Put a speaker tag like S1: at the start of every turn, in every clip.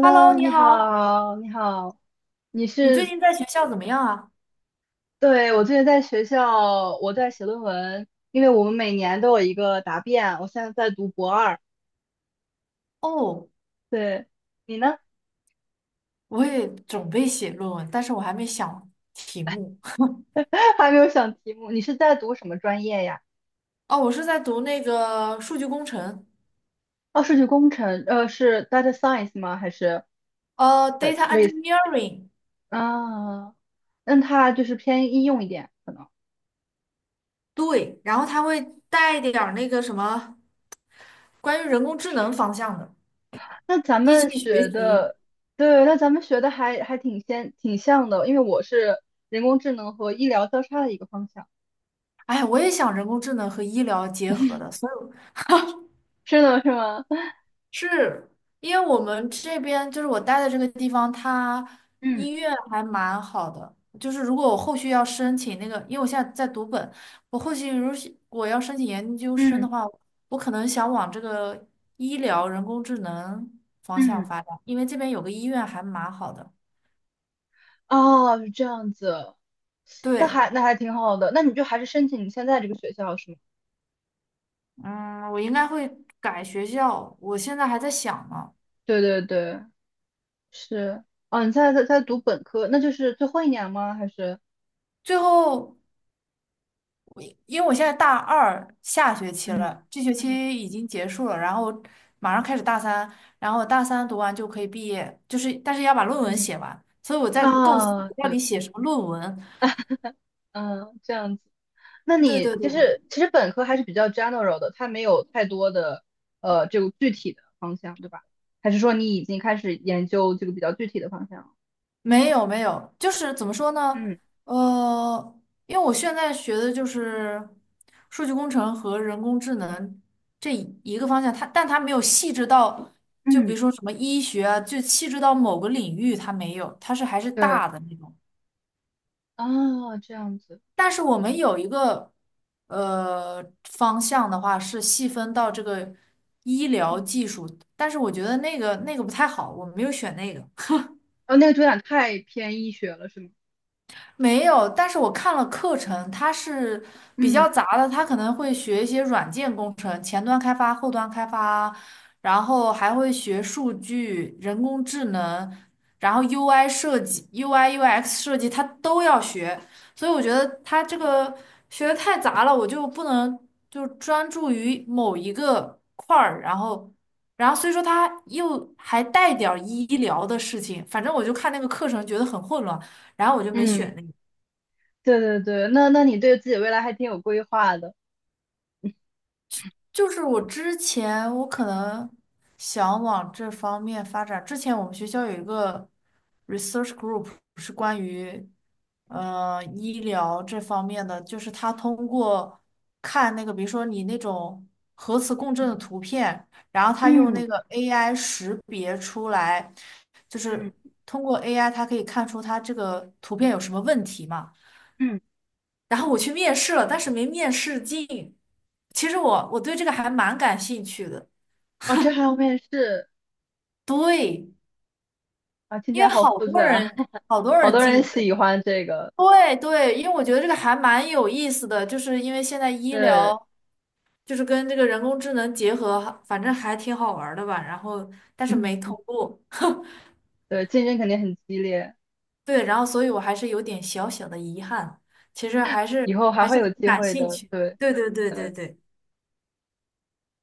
S1: Hello，你
S2: 你
S1: 好，
S2: 好，你好，你
S1: 你最
S2: 是，
S1: 近在学校怎么样啊？
S2: 对，我最近在学校，我在写论文，因为我们每年都有一个答辩，我现在在读博二。
S1: 哦，
S2: 对，你呢？
S1: 我也准备写论文，但是我还没想题目。
S2: 还没有想题目，你是在读什么专业呀？
S1: 哦，我是在读那个数据工程，
S2: 哦，数据工程，是 data science 吗？还是
S1: data
S2: 类似？
S1: engineering。
S2: 啊，那它就是偏应用一点，可能。
S1: 对，然后它会带一点儿那个什么关于人工智能方向的
S2: 那咱
S1: 机
S2: 们
S1: 器学
S2: 学
S1: 习。
S2: 的，对，那咱们学的还挺像的，因为我是人工智能和医疗交叉的一个方向。
S1: 哎呀我也想人工智能和医疗结合的，所以。
S2: 是的，是吗？
S1: 是因为我们这边就是我待的这个地方，它
S2: 嗯
S1: 医院还蛮好的。就是如果我后续要申请那个，因为我现在在读本，我后续如果我要申请研究生
S2: 嗯
S1: 的话，我可能想往这个医疗人工智能方向
S2: 嗯，
S1: 发展，因为这边有个医院还蛮好的。
S2: 哦，是这样子，那
S1: 对，
S2: 还那还挺好的。那你就还是申请你现在这个学校是吗？
S1: 嗯，我应该会改学校，我现在还在想呢。
S2: 对对对，是。哦，你现在在读本科，那就是最后一年吗？还是？
S1: 最后。因为我现在大二下学期
S2: 嗯
S1: 了，这学
S2: 嗯
S1: 期已经结束了，然后马上开始大三，然后大三读完就可以毕业，就是但是要把论文
S2: 嗯，
S1: 写完，所以我在构思
S2: 啊，
S1: 我到
S2: 对，
S1: 底写什么论文。
S2: 嗯，这样子。那
S1: 对
S2: 你
S1: 对
S2: 其
S1: 对，
S2: 实其实本科还是比较 general 的，它没有太多的这个具体的方向，对吧？还是说你已经开始研究这个比较具体的方向了？
S1: 没有没有，就是怎么说呢？
S2: 嗯
S1: 呃，因为我现在学的就是数据工程和人工智能这一个方向，但它没有细致到，就比
S2: 嗯，
S1: 如说什么医学啊，就细致到某个领域，它没有，它是还是
S2: 对，
S1: 大的那种。
S2: 啊，这样子，
S1: 但是我们有一个方向的话是细分到这个医疗
S2: 嗯
S1: 技术，但是我觉得那个不太好，我没有选那个。
S2: 哦，那个主打太偏医学了，是吗？
S1: 没有，但是我看了课程，它是比
S2: 嗯
S1: 较杂的，它可能会学一些软件工程，前端开发、后端开发，然后还会学数据、人工智能，然后 UI 设计、UI、UX 设计，它都要学。所以我觉得它这个学的太杂了，我就不能就专注于某一个块儿，然后。然后所以说它又还带点儿医疗的事情，反正我就看那个课程觉得很混乱，然后我就没选
S2: 嗯，
S1: 那个。
S2: 对对对，那你对自己未来还挺有规划的。
S1: 就是我之前我可能想往这方面发展。之前我们学校有一个 research group 是关于医疗这方面的，就是他通过看那个，比如说你那种核磁共振的图片，然后他用
S2: 嗯
S1: 那个 AI 识别出来，就
S2: 嗯
S1: 是通过 AI 他可以看出他这个图片有什么问题嘛。
S2: 嗯，
S1: 然后我去面试了，但是没面试进。其实我对这个还蛮感兴趣的，
S2: 哦，这还要面试
S1: 对，
S2: 啊，听起
S1: 因
S2: 来
S1: 为
S2: 好
S1: 好
S2: 复
S1: 多
S2: 杂，
S1: 人 好多
S2: 好
S1: 人
S2: 多人
S1: 进。
S2: 喜欢这个，
S1: 对对，因为我觉得这个还蛮有意思的，就是因为现在医
S2: 对，
S1: 疗就是跟这个人工智能结合，反正还挺好玩儿的吧。然后但是
S2: 嗯，
S1: 没通过，
S2: 对，竞争肯定很激烈，
S1: 对，然后所以我还是有点小小的遗憾，其实还
S2: 以
S1: 是
S2: 后还
S1: 还
S2: 会
S1: 是
S2: 有
S1: 很
S2: 机
S1: 感
S2: 会
S1: 兴
S2: 的，
S1: 趣，
S2: 对
S1: 对对对对
S2: 对，
S1: 对。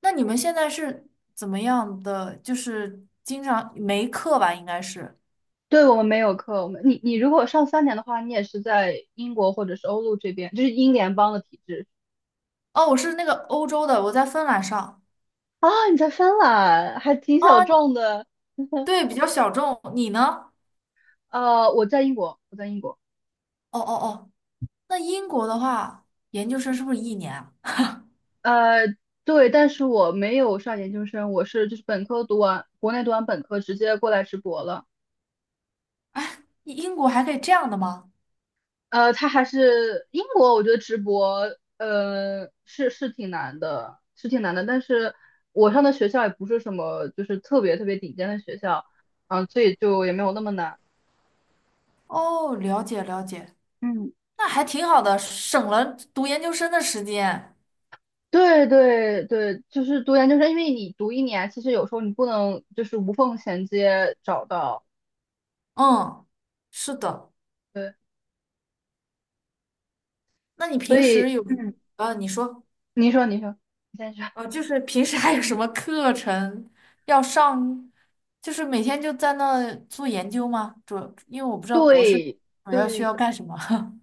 S1: 那你们现在是怎么样的？就是经常没课吧，应该是。
S2: 对我们没有课，我们你如果上三年的话，你也是在英国或者是欧陆这边，就是英联邦的体制
S1: 哦，我是那个欧洲的，我在芬兰上。
S2: 啊，你在芬兰还挺小
S1: 啊，你
S2: 众的。
S1: 对，比较小众。你呢？
S2: 我在英国，我在英国。
S1: 哦哦哦，那英国的话，研究生是不是一年啊？
S2: 呃，对，但是我没有上研究生，我是就是本科读完，国内读完本科直接过来直博了。
S1: 英国还可以这样的吗？
S2: 他还是英国，我觉得直博，是挺难的，是挺难的。但是我上的学校也不是什么就是特别特别顶尖的学校，嗯，所以就也没有那么难。
S1: 哦，了解了解，
S2: 嗯
S1: 那还挺好的，省了读研究生的时间。
S2: 对对对，就是读研究生，因为你读一年，其实有时候你不能就是无缝衔接找到，
S1: 嗯，是的。
S2: 对，
S1: 那你
S2: 所
S1: 平时
S2: 以。
S1: 有，
S2: 嗯。
S1: 你说。
S2: 你说，你说，你先说。
S1: 就是平时还有什么课程要上？就是每天就在那做研究吗？因为我不知道博士
S2: 对，
S1: 主要需要干什么。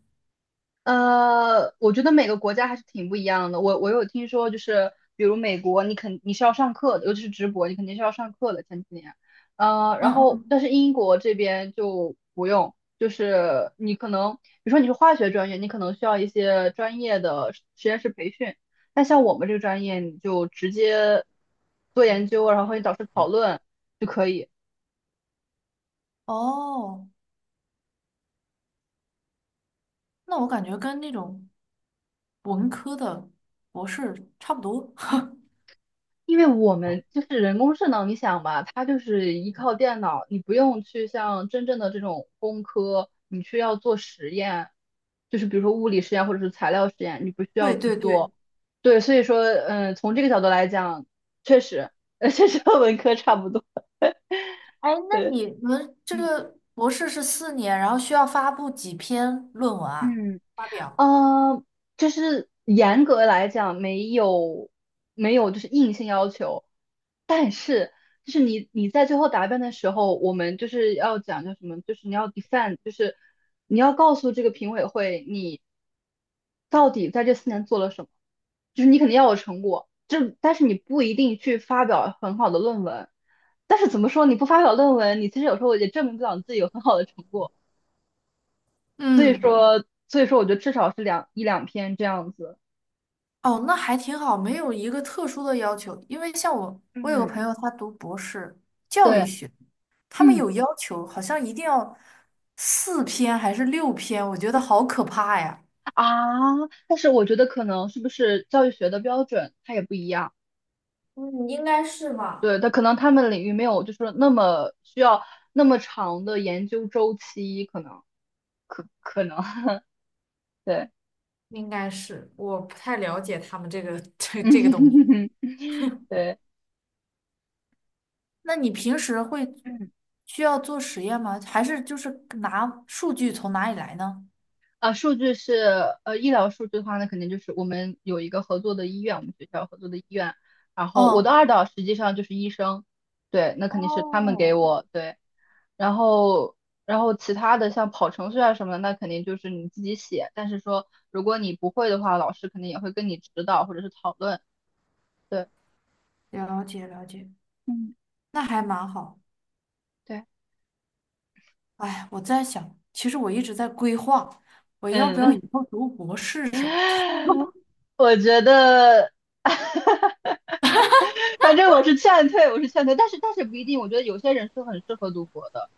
S2: 我觉得每个国家还是挺不一样的。我有听说，就是比如美国，你是要上课的，尤其是直播，你肯定是要上课的。前几年，然
S1: 嗯
S2: 后
S1: 嗯，
S2: 但是英国这边就不用，就是你可能，比如说你是化学专业，你可能需要一些专业的实验室培训，但像我们这个专业，你就直接做研究，然后和你导师讨论。就可以。
S1: 哦，那我感觉跟那种文科的博士差不多。
S2: 因为我们就是人工智能，你想吧，它就是依靠电脑，你不用去像真正的这种工科，你去要做实验，就是比如说物理实验或者是材料实验，你不需要
S1: 对
S2: 去
S1: 对对，
S2: 做。对，所以说，嗯，从这个角度来讲，确实，确实和文科差不多。
S1: 哎，那
S2: 对，
S1: 你们这
S2: 嗯
S1: 个博士是4年，然后需要发布几篇论文啊？
S2: 嗯，
S1: 发表。
S2: 呃，就是严格来讲没有就是硬性要求，但是就是你在最后答辩的时候，我们就是要讲叫什么，就是你要 defend，就是你要告诉这个评委会你到底在这四年做了什么，就是你肯定要有成果，但是你不一定去发表很好的论文，但是怎么说你不发表论文，你其实有时候也证明不了你自己有很好的成果。所以
S1: 嗯。
S2: 说，所以说，我觉得至少是一两篇这样子。
S1: 哦，那还挺好，没有一个特殊的要求。因为像我，我有个
S2: 嗯
S1: 朋友，他读博士教育
S2: 对，
S1: 学，他们
S2: 嗯
S1: 有要求，好像一定要4篇还是6篇，我觉得好可怕呀。
S2: 啊，但是我觉得可能是不是教育学的标准它也不一样，
S1: 嗯，应该是吧。
S2: 对，它可能他们领域没有就是那么需要那么长的研究周期，可能 对，
S1: 应该是，我不太了解他们这个 这个东西。
S2: 嗯对，
S1: 那你平时会
S2: 嗯。
S1: 需要做实验吗？还是就是拿数据从哪里来呢？
S2: 啊，数据是医疗数据的话，那肯定就是我们有一个合作的医院，我们学校合作的医院，然后我的
S1: 哦，
S2: 二导实际上就是医生，对，那肯定是他们给
S1: 哦，
S2: 我，对，然后然后其他的像跑程序啊什么的，那肯定就是你自己写，但是说如果你不会的话，老师肯定也会跟你指导或者是讨论，对，
S1: 了解了解，
S2: 嗯，
S1: 那还蛮好。
S2: 对，
S1: 哎，我在想，其实我一直在规划，我要不要
S2: 嗯，
S1: 以后读博士什么
S2: 我觉得反正我是劝退，我是劝退，但是不一定，我觉得有些人是很适合读博的。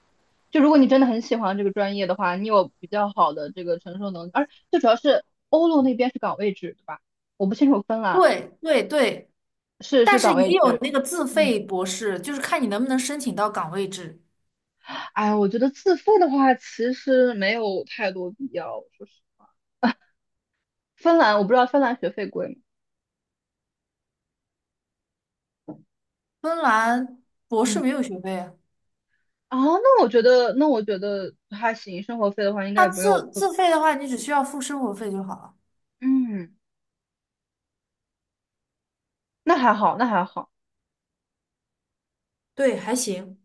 S2: 就如果你真的很喜欢这个专业的话，你有比较好的这个承受能力，而最主要是欧陆那边是岗位制，对吧？我不清楚芬兰
S1: 对对对，
S2: 是
S1: 但是
S2: 岗位
S1: 也有
S2: 制，
S1: 那个自
S2: 嗯，
S1: 费博士，就是看你能不能申请到岗位制。
S2: 哎，我觉得自费的话其实没有太多必要，说是芬兰，我不知道芬兰学费贵吗？
S1: 芬兰博士
S2: 嗯，
S1: 没有学费啊，
S2: 啊，那我觉得那我觉得还行，生活费的话应该
S1: 他
S2: 也不用有
S1: 自
S2: 特别
S1: 自费的话，你只需要付生活费就好了。
S2: 嗯，那还好，那还好。
S1: 对，还行。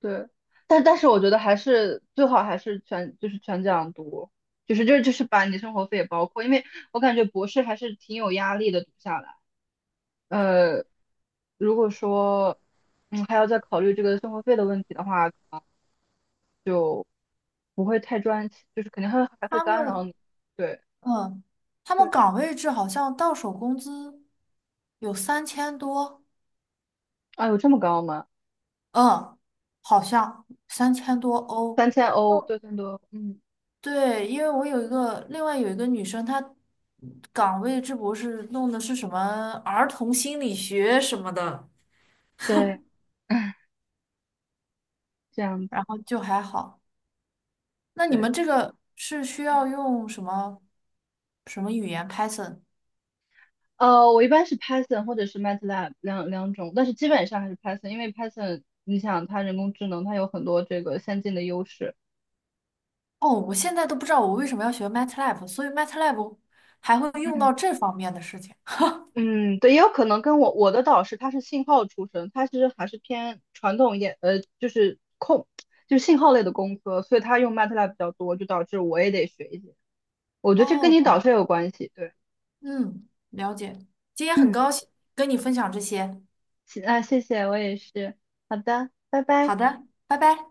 S2: 对，但但是我觉得还是最好还是全就是全奖读，就是把你的生活费也包括，因为我感觉博士还是挺有压力的读下来。呃，如果说嗯还要再考虑这个生活费的问题的话，可能不会太专心就是肯定还会
S1: 他
S2: 干扰
S1: 们，
S2: 你。对
S1: 嗯，他们
S2: 对，
S1: 岗位制好像到手工资有三千多，
S2: 啊有这么高吗？
S1: 嗯，好像3000多欧。
S2: 三千欧，六千多，嗯，
S1: 对，因为我有一个另外有一个女生，她岗位这博士弄的是什么儿童心理学什么的，
S2: 对，这样
S1: 然
S2: 子，
S1: 后就还好。那你
S2: 对，
S1: 们这个是需要用什么什么语言 Python?
S2: 我一般是 Python 或者是 MATLAB 两种，但是基本上还是 Python，因为 Python 你想它人工智能，它有很多这个先进的优势。
S1: 哦，我现在都不知道我为什么要学 MATLAB,所以 MATLAB 还会用
S2: 嗯
S1: 到这方面的事情。
S2: 嗯，对，也有可能跟我的导师他是信号出身，他其实还是偏传统一点，就是控，就是信号类的工科，所以他用 MATLAB 比较多，就导致我也得学一些。我觉得这跟
S1: 哦，
S2: 你导师也有关系，对，
S1: 嗯，了解。今天很
S2: 嗯，
S1: 高兴跟你分享这些。
S2: 行啊，谢谢，我也是，好的，拜
S1: 好
S2: 拜。
S1: 的，拜拜。